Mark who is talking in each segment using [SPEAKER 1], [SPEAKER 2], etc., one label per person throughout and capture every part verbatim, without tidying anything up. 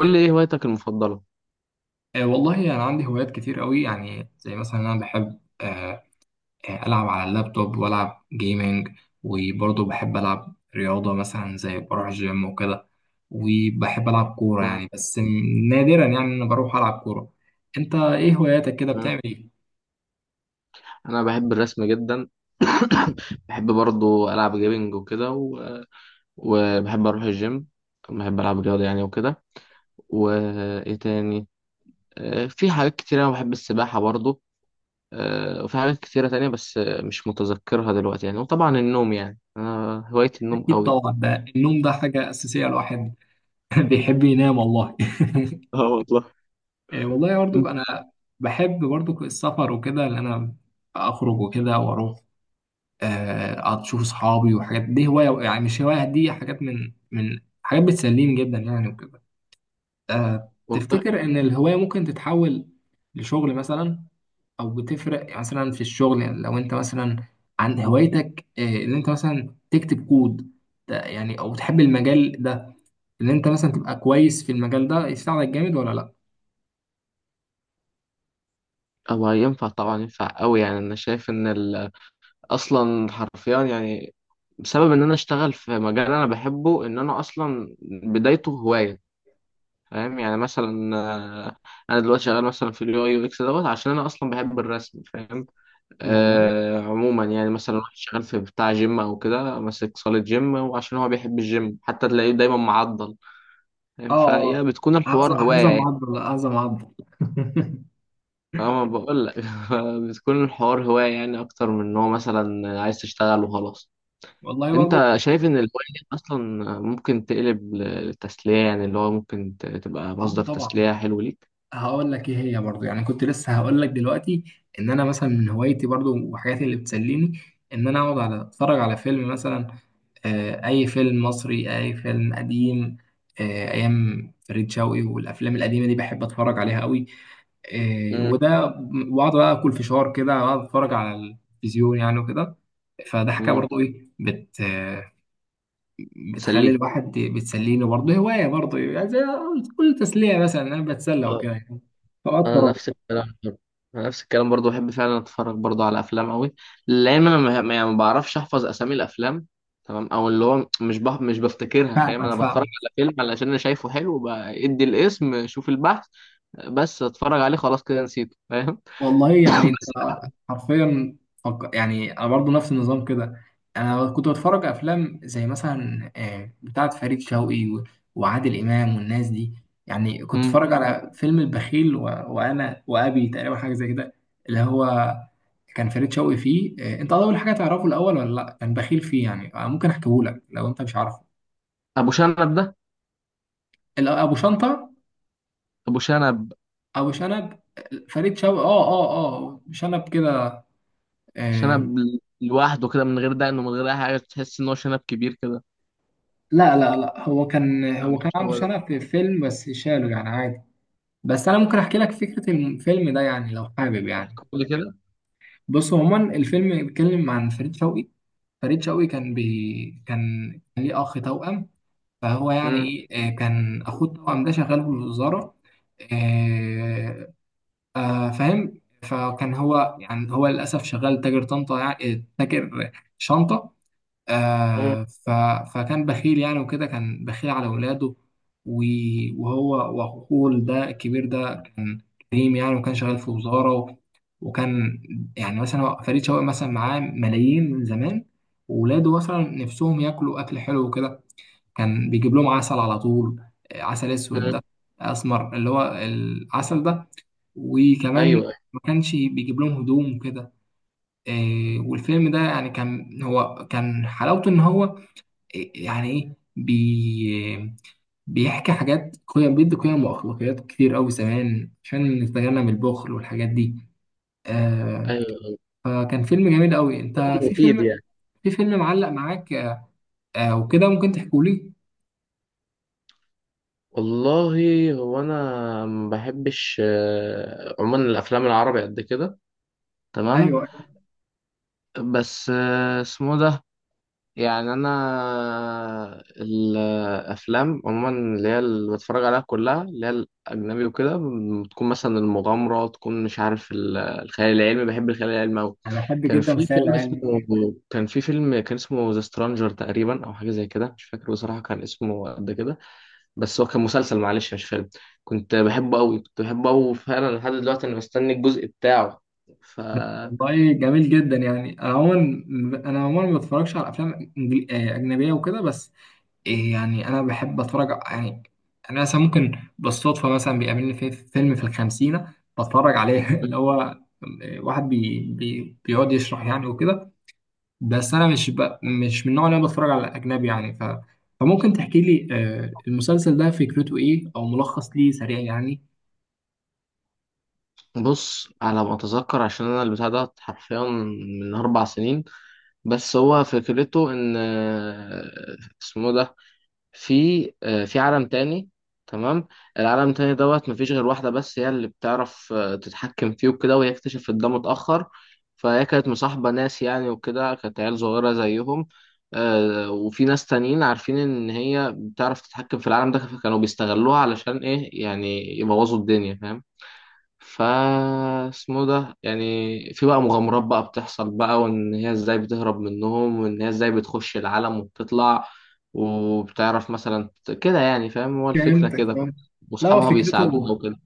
[SPEAKER 1] قول لي ايه هوايتك المفضلة؟
[SPEAKER 2] آه، والله أنا يعني عندي هوايات كتير قوي يعني زي مثلا أنا بحب آه، آه، ألعب على اللابتوب وألعب جيمنج وبرضه بحب ألعب رياضة مثلا زي بروح جيم وكده، وبحب ألعب كورة
[SPEAKER 1] مم.
[SPEAKER 2] يعني بس م- نادرا يعني أنا بروح ألعب كورة. أنت إيه هواياتك كده،
[SPEAKER 1] مم.
[SPEAKER 2] بتعمل إيه؟
[SPEAKER 1] انا بحب الرسم جدا. بحب برضو العب جيمنج وكده و... وبحب اروح الجيم. بحب العب رياضة يعني وكده. وايه تاني. آه، في حاجات كتيرة انا بحب السباحة برضو. آه، وفي حاجات كتيرة تانية بس آه، مش متذكرها دلوقتي يعني. وطبعا النوم يعني انا هوايتي النوم
[SPEAKER 2] أكيد
[SPEAKER 1] قوي.
[SPEAKER 2] طبعا، ده النوم ده حاجة أساسية، الواحد بيحب ينام والله.
[SPEAKER 1] اه والله.
[SPEAKER 2] آه، والله برضو أنا
[SPEAKER 1] انت-
[SPEAKER 2] بحب برضو السفر وكده، اللي أنا أخرج وكده وأروح آه، اشوف اصحابي، وحاجات دي هوايه يعني، مش هوايه، دي حاجات من من حاجات بتسليني جدا يعني وكده. آه،
[SPEAKER 1] والله
[SPEAKER 2] تفتكر ان الهوايه ممكن تتحول لشغل مثلا، او بتفرق مثلا في الشغل يعني؟ لو انت مثلا عن هوايتك آه، ان انت مثلا تكتب كود ده يعني، او تحب المجال ده، ان انت مثلا تبقى كويس في المجال ده يساعدك جامد ولا لا؟
[SPEAKER 1] هو ينفع طبعا ينفع قوي يعني انا شايف ان ال... اصلا حرفيا يعني بسبب ان انا اشتغل في مجال انا بحبه ان انا اصلا بدايته هوايه. فاهم يعني مثلا آه، انا دلوقتي شغال مثلا في اليو اي يو اكس دوت عشان انا اصلا بحب الرسم فاهم.
[SPEAKER 2] والله،
[SPEAKER 1] آه عموما يعني مثلا واحد شغال في بتاع جيم او كده ماسك صاله جيم وعشان هو بيحب الجيم حتى تلاقيه دايما معضل.
[SPEAKER 2] اه
[SPEAKER 1] فاهم
[SPEAKER 2] اه.
[SPEAKER 1] فهي بتكون الحوار
[SPEAKER 2] هذا،
[SPEAKER 1] هوايه
[SPEAKER 2] هذا
[SPEAKER 1] يعني.
[SPEAKER 2] معضل، هذا معضل.
[SPEAKER 1] فاهم أنا بقول لك. بتكون الحوار هوايه يعني اكتر من ان هو مثلا عايز تشتغل وخلاص.
[SPEAKER 2] والله برضه.
[SPEAKER 1] انت شايف ان الهواية دي اصلا ممكن تقلب للتسلية يعني اللي هو ممكن ت- تبقى
[SPEAKER 2] اه
[SPEAKER 1] مصدر
[SPEAKER 2] طبعا.
[SPEAKER 1] تسلية حلو ليك.
[SPEAKER 2] هقول لك ايه هي برضو، يعني كنت لسه هقول لك دلوقتي ان انا مثلا من هوايتي برضو وحاجاتي اللي بتسليني، ان انا اقعد على اتفرج على فيلم مثلا، آه، اي فيلم مصري، اي فيلم قديم، آه، ايام فريد شوقي، والافلام القديمه دي بحب اتفرج عليها قوي. آه،
[SPEAKER 1] امم.
[SPEAKER 2] وده، واقعد بقى اكل فشار كده واقعد اتفرج على التلفزيون يعني وكده. فده حاجه
[SPEAKER 1] امم.
[SPEAKER 2] برضو ايه، بت آه، بتخلي
[SPEAKER 1] تسليك.
[SPEAKER 2] الواحد، بتسليني برضو، هوايه برضو يعني، زي كل تسليه مثلا انا بتسلى
[SPEAKER 1] اه.
[SPEAKER 2] وكده يعني. فأقعد
[SPEAKER 1] انا
[SPEAKER 2] أتفرج.
[SPEAKER 1] نفس الكلام برضه. انا نفس الكلام برضو بحب فعلا اتفرج برضو على افلام قوي. لان انا ما ما- يعني ما بعرفش احفظ اسامي الافلام. تمام. او اللي هو مش بح... مش بفتكرها. فاهم
[SPEAKER 2] فاهمك،
[SPEAKER 1] انا بتفرج
[SPEAKER 2] فاهم.
[SPEAKER 1] على فيلم علشان انا شايفه حلو بدي الاسم شوف البحث. بس اتفرج عليه خلاص كده نسيته فاهم.
[SPEAKER 2] والله يعني انت
[SPEAKER 1] بس.
[SPEAKER 2] حرفيا، فك... يعني انا برضه نفس النظام كده. انا كنت بتفرج افلام زي مثلا آه، بتاعه فريد شوقي و... وعادل امام والناس دي. يعني كنت
[SPEAKER 1] مم.
[SPEAKER 2] اتفرج على فيلم البخيل و... وانا وابي تقريبا، حاجه زي كده اللي هو كان فريد شوقي فيه، آه، انت اول حاجه تعرفه الاول ولا لا، كان بخيل فيه يعني، آه، ممكن احكيه لك لو انت مش عارفه.
[SPEAKER 1] ابو شنب ده.
[SPEAKER 2] ال- ابو شنطه.
[SPEAKER 1] ابو شنب.
[SPEAKER 2] ابو شنب. فريد شوقي، اه اه. اه شنب كده. آه،
[SPEAKER 1] شنب لوحده كده من غير دقن ومن غير اي حاجه تحس ان هو شنب كبير كده.
[SPEAKER 2] لا لا لا، هو كان، هو
[SPEAKER 1] مش
[SPEAKER 2] كان عنده
[SPEAKER 1] هو ده.
[SPEAKER 2] شنف للفيلم بس شاله يعني عادي. بس انا ممكن احكي لك فكره الفيلم ده يعني، لو حابب يعني.
[SPEAKER 1] بيحكوا لي كده.
[SPEAKER 2] بص عموما الفيلم بيتكلم عن فريد شوقي. فريد شوقي كان بي كان، كان ليه اخ توأم. فهو يعني
[SPEAKER 1] امم.
[SPEAKER 2] ايه، آه، كان اخوه التوأم ده شغال في الوزاره. آه، آه، فاهم؟ فكان هو يعني، هو للاسف شغال تاجر طنطا يعني آه، تاجر شنطه
[SPEAKER 1] امم.
[SPEAKER 2] آه ف... فكان بخيل يعني وكده، كان بخيل على ولاده و- وهو وأخوه ده الكبير ده كان كريم يعني، وكان شغال في وزارة و... وكان يعني مثلا هو- فريد شوقي مثلا معاه ملايين من زمان، وولاده مثلا نفسهم ياكلوا أكل حلو وكده، كان بيجيب لهم عسل على طول. آه، عسل أسود
[SPEAKER 1] أمم.
[SPEAKER 2] ده، أسمر اللي هو العسل ده. وكمان
[SPEAKER 1] ايوه،
[SPEAKER 2] ما كانش بيجيب لهم هدوم وكده. آه، والفيلم ده يعني كان هو كان حلاوته، ان هو يعني ايه، بي بيحكي حاجات، قيم، بيدي قيم واخلاقيات كتير قوي زمان عشان نتجنب البخل والحاجات دي. آه.
[SPEAKER 1] ايوه،
[SPEAKER 2] فكان فيلم جميل قوي. انت في
[SPEAKER 1] مفيد
[SPEAKER 2] فيلم
[SPEAKER 1] يعني.
[SPEAKER 2] في فيلم معلق معاك آه وكده ممكن تحكوا لي؟
[SPEAKER 1] والله هو انا ما بحبش آه، عموما الافلام العربي قد كده. تمام.
[SPEAKER 2] ايوه
[SPEAKER 1] بس آه، اسمه ده يعني انا الافلام عموما اللي هي اللي بتفرج عليها كلها اللي هي الاجنبي وكده. بتكون مثلا المغامره تكون مش عارف ال- الخيال العلمي. بحب الخيال العلمي قوي.
[SPEAKER 2] انا بحب
[SPEAKER 1] كان
[SPEAKER 2] جدا
[SPEAKER 1] في
[SPEAKER 2] الخيال
[SPEAKER 1] فيلم
[SPEAKER 2] العلمي.
[SPEAKER 1] اسمه. كان في فيلم كان اسمه ذا سترانجر تقريبا او حاجه زي كده مش فاكر بصراحه كان اسمه قد كده. بس هو كان مسلسل معلش مش فيلم. كنت بحبه قوي كنت بحبه قوي فعلا لحد دلوقتي انا بستني الجزء بتاعه.
[SPEAKER 2] والله جميل جدا يعني. انا عموما انا عموما ما بتفرجش على افلام إنجلي- آه، اجنبيه وكده، بس إيه يعني انا بحب اتفرج يعني. انا مثلا ممكن بالصدفه مثلا بيقابلني في في فيلم في الخمسينه بتفرج عليه، اللي هو واحد بي بي بيقعد يشرح يعني وكده. بس انا مش ب... مش من النوع اللي انا بتفرج على اجنبي يعني ف... فممكن تحكي لي آه، المسلسل ده فكرته ايه، او ملخص ليه سريع يعني.
[SPEAKER 1] بص على ما اتذكر عشان انا البتاع ده حرفيا من اربع سنين. بس هو فكرته ان آه، اسمه ده. في آه، في عالم تاني. تمام. العالم التاني دوت مفيش غير واحدة بس هي اللي بتعرف آه، تتحكم فيه وكده، وهي اكتشفت ده متأخر. فهي كانت مصاحبة ناس يعني وكده، كانت عيال صغيرة زيهم. آه، وفي ناس تانيين عارفين ان هي بتعرف تتحكم في العالم ده، فكانوا بيستغلوها علشان ايه يعني يبوظوا الدنيا. فاهم. فا اسمه ده يعني. في بقى مغامرات بقى بتحصل بقى، وان هي ازاي بتهرب منهم، وان هي ازاي بتخش العالم وبتطلع وبتعرف مثلا ت- كده يعني. فاهم، هو الفكرة
[SPEAKER 2] فهمتك،
[SPEAKER 1] كده.
[SPEAKER 2] فاهم. لا هو
[SPEAKER 1] واصحابها
[SPEAKER 2] فكرته
[SPEAKER 1] بيساعدوها وكده.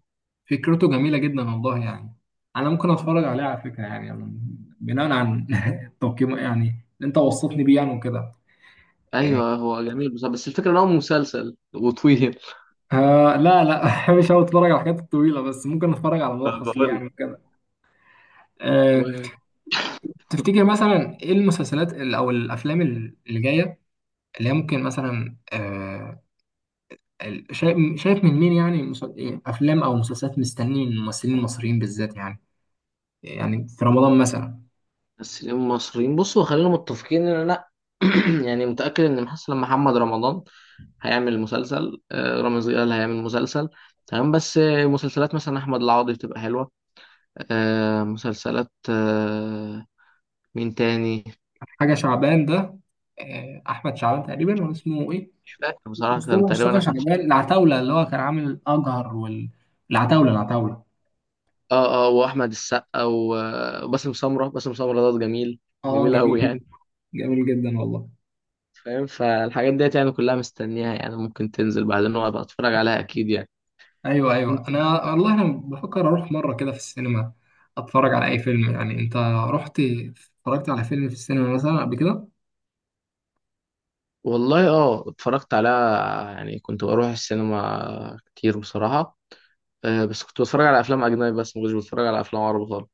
[SPEAKER 2] فكرته جميله جدا والله يعني. انا ممكن اتفرج عليه على فكره يعني يعني، بناء عن التقييم يعني اللي انت وصفتني بيه يعني وكده.
[SPEAKER 1] ايوه، هو جميل بصراحة بس الفكرة ان هو مسلسل وطويل.
[SPEAKER 2] آه لا لا، مش هقعد اتفرج على الحاجات الطويله، بس ممكن اتفرج على ملخص ليه
[SPEAKER 1] بقول.
[SPEAKER 2] يعني كده. آه. تفتكر مثلا ايه المسلسلات ال- او الافلام ال- اللي جايه؟ اللي هي ممكن مثلا آه ال- شايف، شايف من مين يعني، مس- إيه، افلام او مسلسلات مستنيين الممثلين المصريين بالذات يعني؟ يعني في رمضان مثلا.
[SPEAKER 1] ممثلين مصريين بصوا خلينا متفقين ان انا يعني متأكد ان مثلا محمد رمضان هيعمل مسلسل. آه، رامز جلال هيعمل مسلسل. تمام. بس آه، مسلسلات مثلا احمد العوضي بتبقى حلوة. آه، مسلسلات آه، مين تاني.
[SPEAKER 2] حاجه شعبان ده، آه احمد شعبان تقريبا، ولا اسمه ايه؟
[SPEAKER 1] مش فاكر بصراحة،
[SPEAKER 2] مصطفى
[SPEAKER 1] كان تقريبا
[SPEAKER 2] مصطفى
[SPEAKER 1] احمد ش-
[SPEAKER 2] شعبان، العتاوله اللي هو كان عامل اجهر، والعتاوله، العتاوله العتاولة.
[SPEAKER 1] اه، اه. واحمد السقا و- وباسم سمرة. باسم سمرة ده جميل.
[SPEAKER 2] اه
[SPEAKER 1] جميل
[SPEAKER 2] جميل
[SPEAKER 1] قوي
[SPEAKER 2] جدا،
[SPEAKER 1] يعني.
[SPEAKER 2] جميل جدا والله.
[SPEAKER 1] فاهم، فالحاجات ديت يعني كلها مستنيها. يعني ممكن تنزل بعدين وابقى اتفرج عليها اكيد.
[SPEAKER 2] ايوه
[SPEAKER 1] يعني
[SPEAKER 2] ايوه. انا والله انا بفكر اروح مره كده في السينما، اتفرج على اي فيلم يعني. انت رحت اتفرجت على فيلم في السينما مثلا قبل كده؟
[SPEAKER 1] والله اه اتفرجت على. يعني كنت بروح السينما كتير بصراحة. آه، بس كنت بتفرج على افلام اجنبي بس ما كنتش بتفرج على افلام عربي خالص.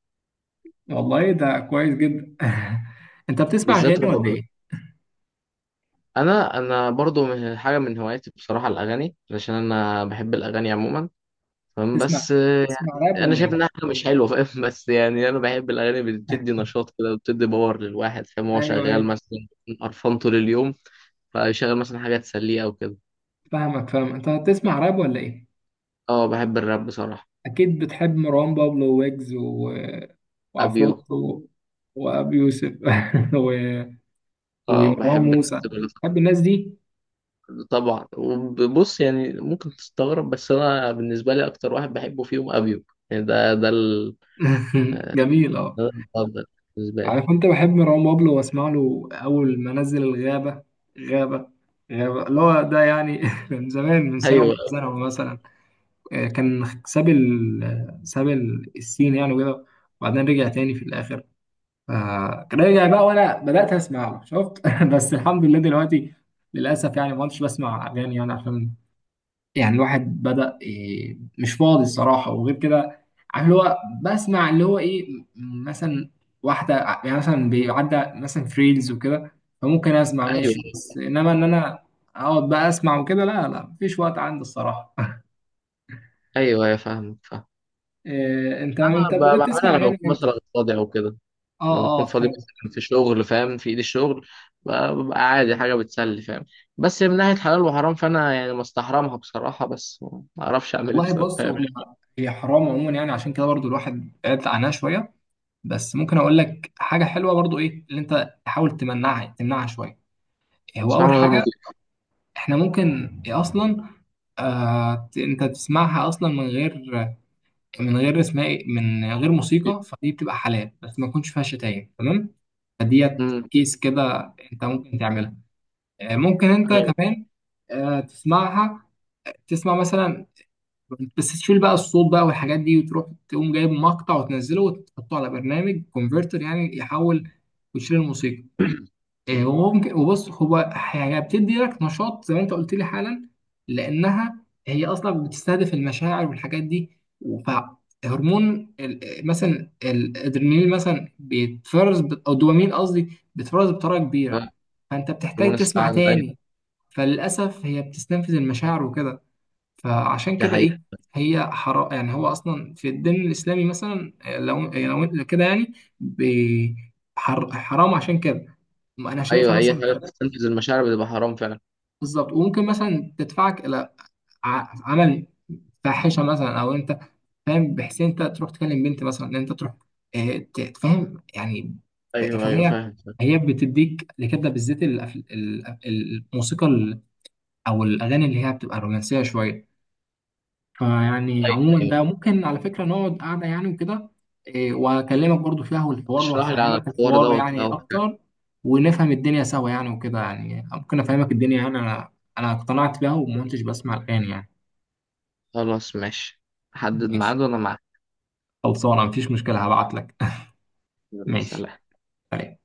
[SPEAKER 2] والله ده كويس جدا. انت بتسمع
[SPEAKER 1] بالذات
[SPEAKER 2] اغاني ولا
[SPEAKER 1] رعب.
[SPEAKER 2] ايه؟
[SPEAKER 1] انا انا برضو من حاجة، من هواياتي بصراحة، الاغاني، علشان انا بحب الاغاني عموما. فاهم،
[SPEAKER 2] تسمع
[SPEAKER 1] بس آه،
[SPEAKER 2] تسمع راب
[SPEAKER 1] يعني انا
[SPEAKER 2] ولا
[SPEAKER 1] شايف
[SPEAKER 2] ايه؟
[SPEAKER 1] انها حاجة مش حلوة فاهم. بس يعني انا بحب الاغاني، بتدي نشاط كده، بتدي باور للواحد. فاهم هو
[SPEAKER 2] ايوه
[SPEAKER 1] شغال
[SPEAKER 2] ايوه
[SPEAKER 1] مثلا قرفان طول اليوم فيشغل مثلا حاجة تسليه او كده.
[SPEAKER 2] فاهمك، فاهم. انت بتسمع راب ولا ايه؟
[SPEAKER 1] اه، بحب الراب بصراحة.
[SPEAKER 2] اكيد بتحب مروان بابلو، ويجز و...
[SPEAKER 1] ابيو.
[SPEAKER 2] وعفروتو، وابي يوسف، و...
[SPEAKER 1] اه،
[SPEAKER 2] ومروان
[SPEAKER 1] بحب
[SPEAKER 2] موسى.
[SPEAKER 1] الناس دول.
[SPEAKER 2] بتحب الناس دي.
[SPEAKER 1] طبعا، وبص يعني ممكن تستغرب بس انا بالنسبه لي اكتر واحد بحبه فيهم ابيو. يعني ده ده ال-
[SPEAKER 2] جميل اه.
[SPEAKER 1] ده المفضل بالنسبه لي.
[SPEAKER 2] عارف انت، بحب مروان بابلو واسمع له اول ما نزل الغابه، غابه، غابه اللي هو ده يعني، من زمان، من سنه ومن
[SPEAKER 1] ايوه.
[SPEAKER 2] سنه مثلا. آه، كان ساب ال ساب ال- السين يعني وكده، وبعدين رجع تاني في الاخر، فكان رجع بقى وانا بدات اسمع له شفت. بس الحمد لله دلوقتي للاسف يعني ما كنتش بسمع اغاني يعني، عشان يعني الواحد بدأ إيه مش فاضي الصراحة، وغير كده عارف اللي هو بسمع اللي هو إيه، م- مثلا واحدة ع- يعني مثلا بيعدى مثلا في ريلز وكده، فممكن أسمع ماشي،
[SPEAKER 1] ايوه،
[SPEAKER 2] بس إنما إن أنا أقعد بقى أسمع وكده لا لا، مفيش وقت عندي الصراحة.
[SPEAKER 1] ايوه، يا فاهمك فاهم.
[SPEAKER 2] إيه، أنت أنت
[SPEAKER 1] انا ب-
[SPEAKER 2] بدأت تسمع
[SPEAKER 1] بعملها لما
[SPEAKER 2] أغاني
[SPEAKER 1] بكون مثلا
[SPEAKER 2] إمتى؟
[SPEAKER 1] فاضي او كده.
[SPEAKER 2] آه
[SPEAKER 1] لما بكون
[SPEAKER 2] آه
[SPEAKER 1] فاضي
[SPEAKER 2] حلو.
[SPEAKER 1] مثلا في شغل فاهم، في ايدي الشغل ب- ببقى عادي حاجه بتسلي فاهم. بس من ناحيه حلال وحرام فانا يعني مستحرمها بصراحه، بس ما اعرفش اعمل ايه
[SPEAKER 2] والله
[SPEAKER 1] بصراحه
[SPEAKER 2] بص،
[SPEAKER 1] يعني.
[SPEAKER 2] هو هي حرام عموما يعني، عشان كده برضو الواحد بعد عنها شوية. بس ممكن أقول لك حاجة حلوة برضو، إيه اللي أنت تحاول تمنعها، تمنعها شوية. هو
[SPEAKER 1] بسمعها
[SPEAKER 2] أول
[SPEAKER 1] من غير
[SPEAKER 2] حاجة،
[SPEAKER 1] موسيقى.
[SPEAKER 2] احنا ممكن إيه اصلا، آه ت- انت تسمعها اصلا من غير، من غير اسمها إيه، من غير موسيقى. فدي بتبقى حلال بس ما يكونش فيها شتايم، تمام؟ فديت
[SPEAKER 1] أمم،
[SPEAKER 2] كيس كده انت ممكن تعملها، آه ممكن انت
[SPEAKER 1] ايوه.
[SPEAKER 2] كمان آه تسمعها، تسمع مثلا، بس تشيل بقى الصوت بقى والحاجات دي، وتروح تقوم جايب مقطع وتنزله وتحطه على برنامج كونفرتر يعني يحول، وتشيل الموسيقى. إيه، وممكن، وبص هو هي بتدي لك نشاط زي ما انت قلت لي حالا، لانها هي اصلا بتستهدف المشاعر والحاجات دي. فهرمون ال- مثلا الادرينالين مثلا بيتفرز ب- او الدوبامين قصدي، بيتفرز بطريقه كبيره، فانت بتحتاج
[SPEAKER 1] هرمون
[SPEAKER 2] تسمع
[SPEAKER 1] السعاده،
[SPEAKER 2] تاني.
[SPEAKER 1] ايوه.
[SPEAKER 2] فللاسف هي بتستنفذ المشاعر وكده، فعشان
[SPEAKER 1] ده
[SPEAKER 2] كده
[SPEAKER 1] حقيقي.
[SPEAKER 2] ايه، هي حرام يعني. هو اصلا في الدين الاسلامي مثلا إيه، لو إيه، لو إنت كده يعني بي- حر- حرام عشان كده انا شايفها
[SPEAKER 1] ايوه، اي
[SPEAKER 2] مثلا.
[SPEAKER 1] حاجه بتستنفذ المشاعر بتبقى حرام فعلا.
[SPEAKER 2] بالظبط، وممكن مثلا تدفعك الى ع- عمل فاحشه مثلا، او انت فاهم، بحيث انت تروح تكلم بنت مثلا، ان انت تروح آه، ت- تفهم يعني. ف-
[SPEAKER 1] ايوه، ايوه،
[SPEAKER 2] فهي،
[SPEAKER 1] فاهم، فاهم.
[SPEAKER 2] هي بتديك لكده بالذات الأف- ال- الموسيقى ال- او الاغاني اللي هي بتبقى رومانسيه شويه. فيعني
[SPEAKER 1] طيب،
[SPEAKER 2] عموما
[SPEAKER 1] طيب.
[SPEAKER 2] ده ممكن على فكرة نقعد قعدة يعني وكده، إيه، وأكلمك برضو فيها والحوار،
[SPEAKER 1] اشرح لي عن
[SPEAKER 2] وأفهمك
[SPEAKER 1] الحوار
[SPEAKER 2] الحوار
[SPEAKER 1] دوت
[SPEAKER 2] يعني
[SPEAKER 1] او حاجة.
[SPEAKER 2] أكتر، ونفهم الدنيا سوا يعني وكده يعني. ممكن أفهمك الدنيا يعني، أنا أنا اقتنعت بيها وما كنتش بسمع الآن يعني.
[SPEAKER 1] خلاص ماشي. حدد
[SPEAKER 2] ماشي،
[SPEAKER 1] ميعاد وانا معاك.
[SPEAKER 2] خلصانة، مفيش مشكلة، هبعت لك.
[SPEAKER 1] يلا،
[SPEAKER 2] ماشي.
[SPEAKER 1] سلام.
[SPEAKER 2] سلام.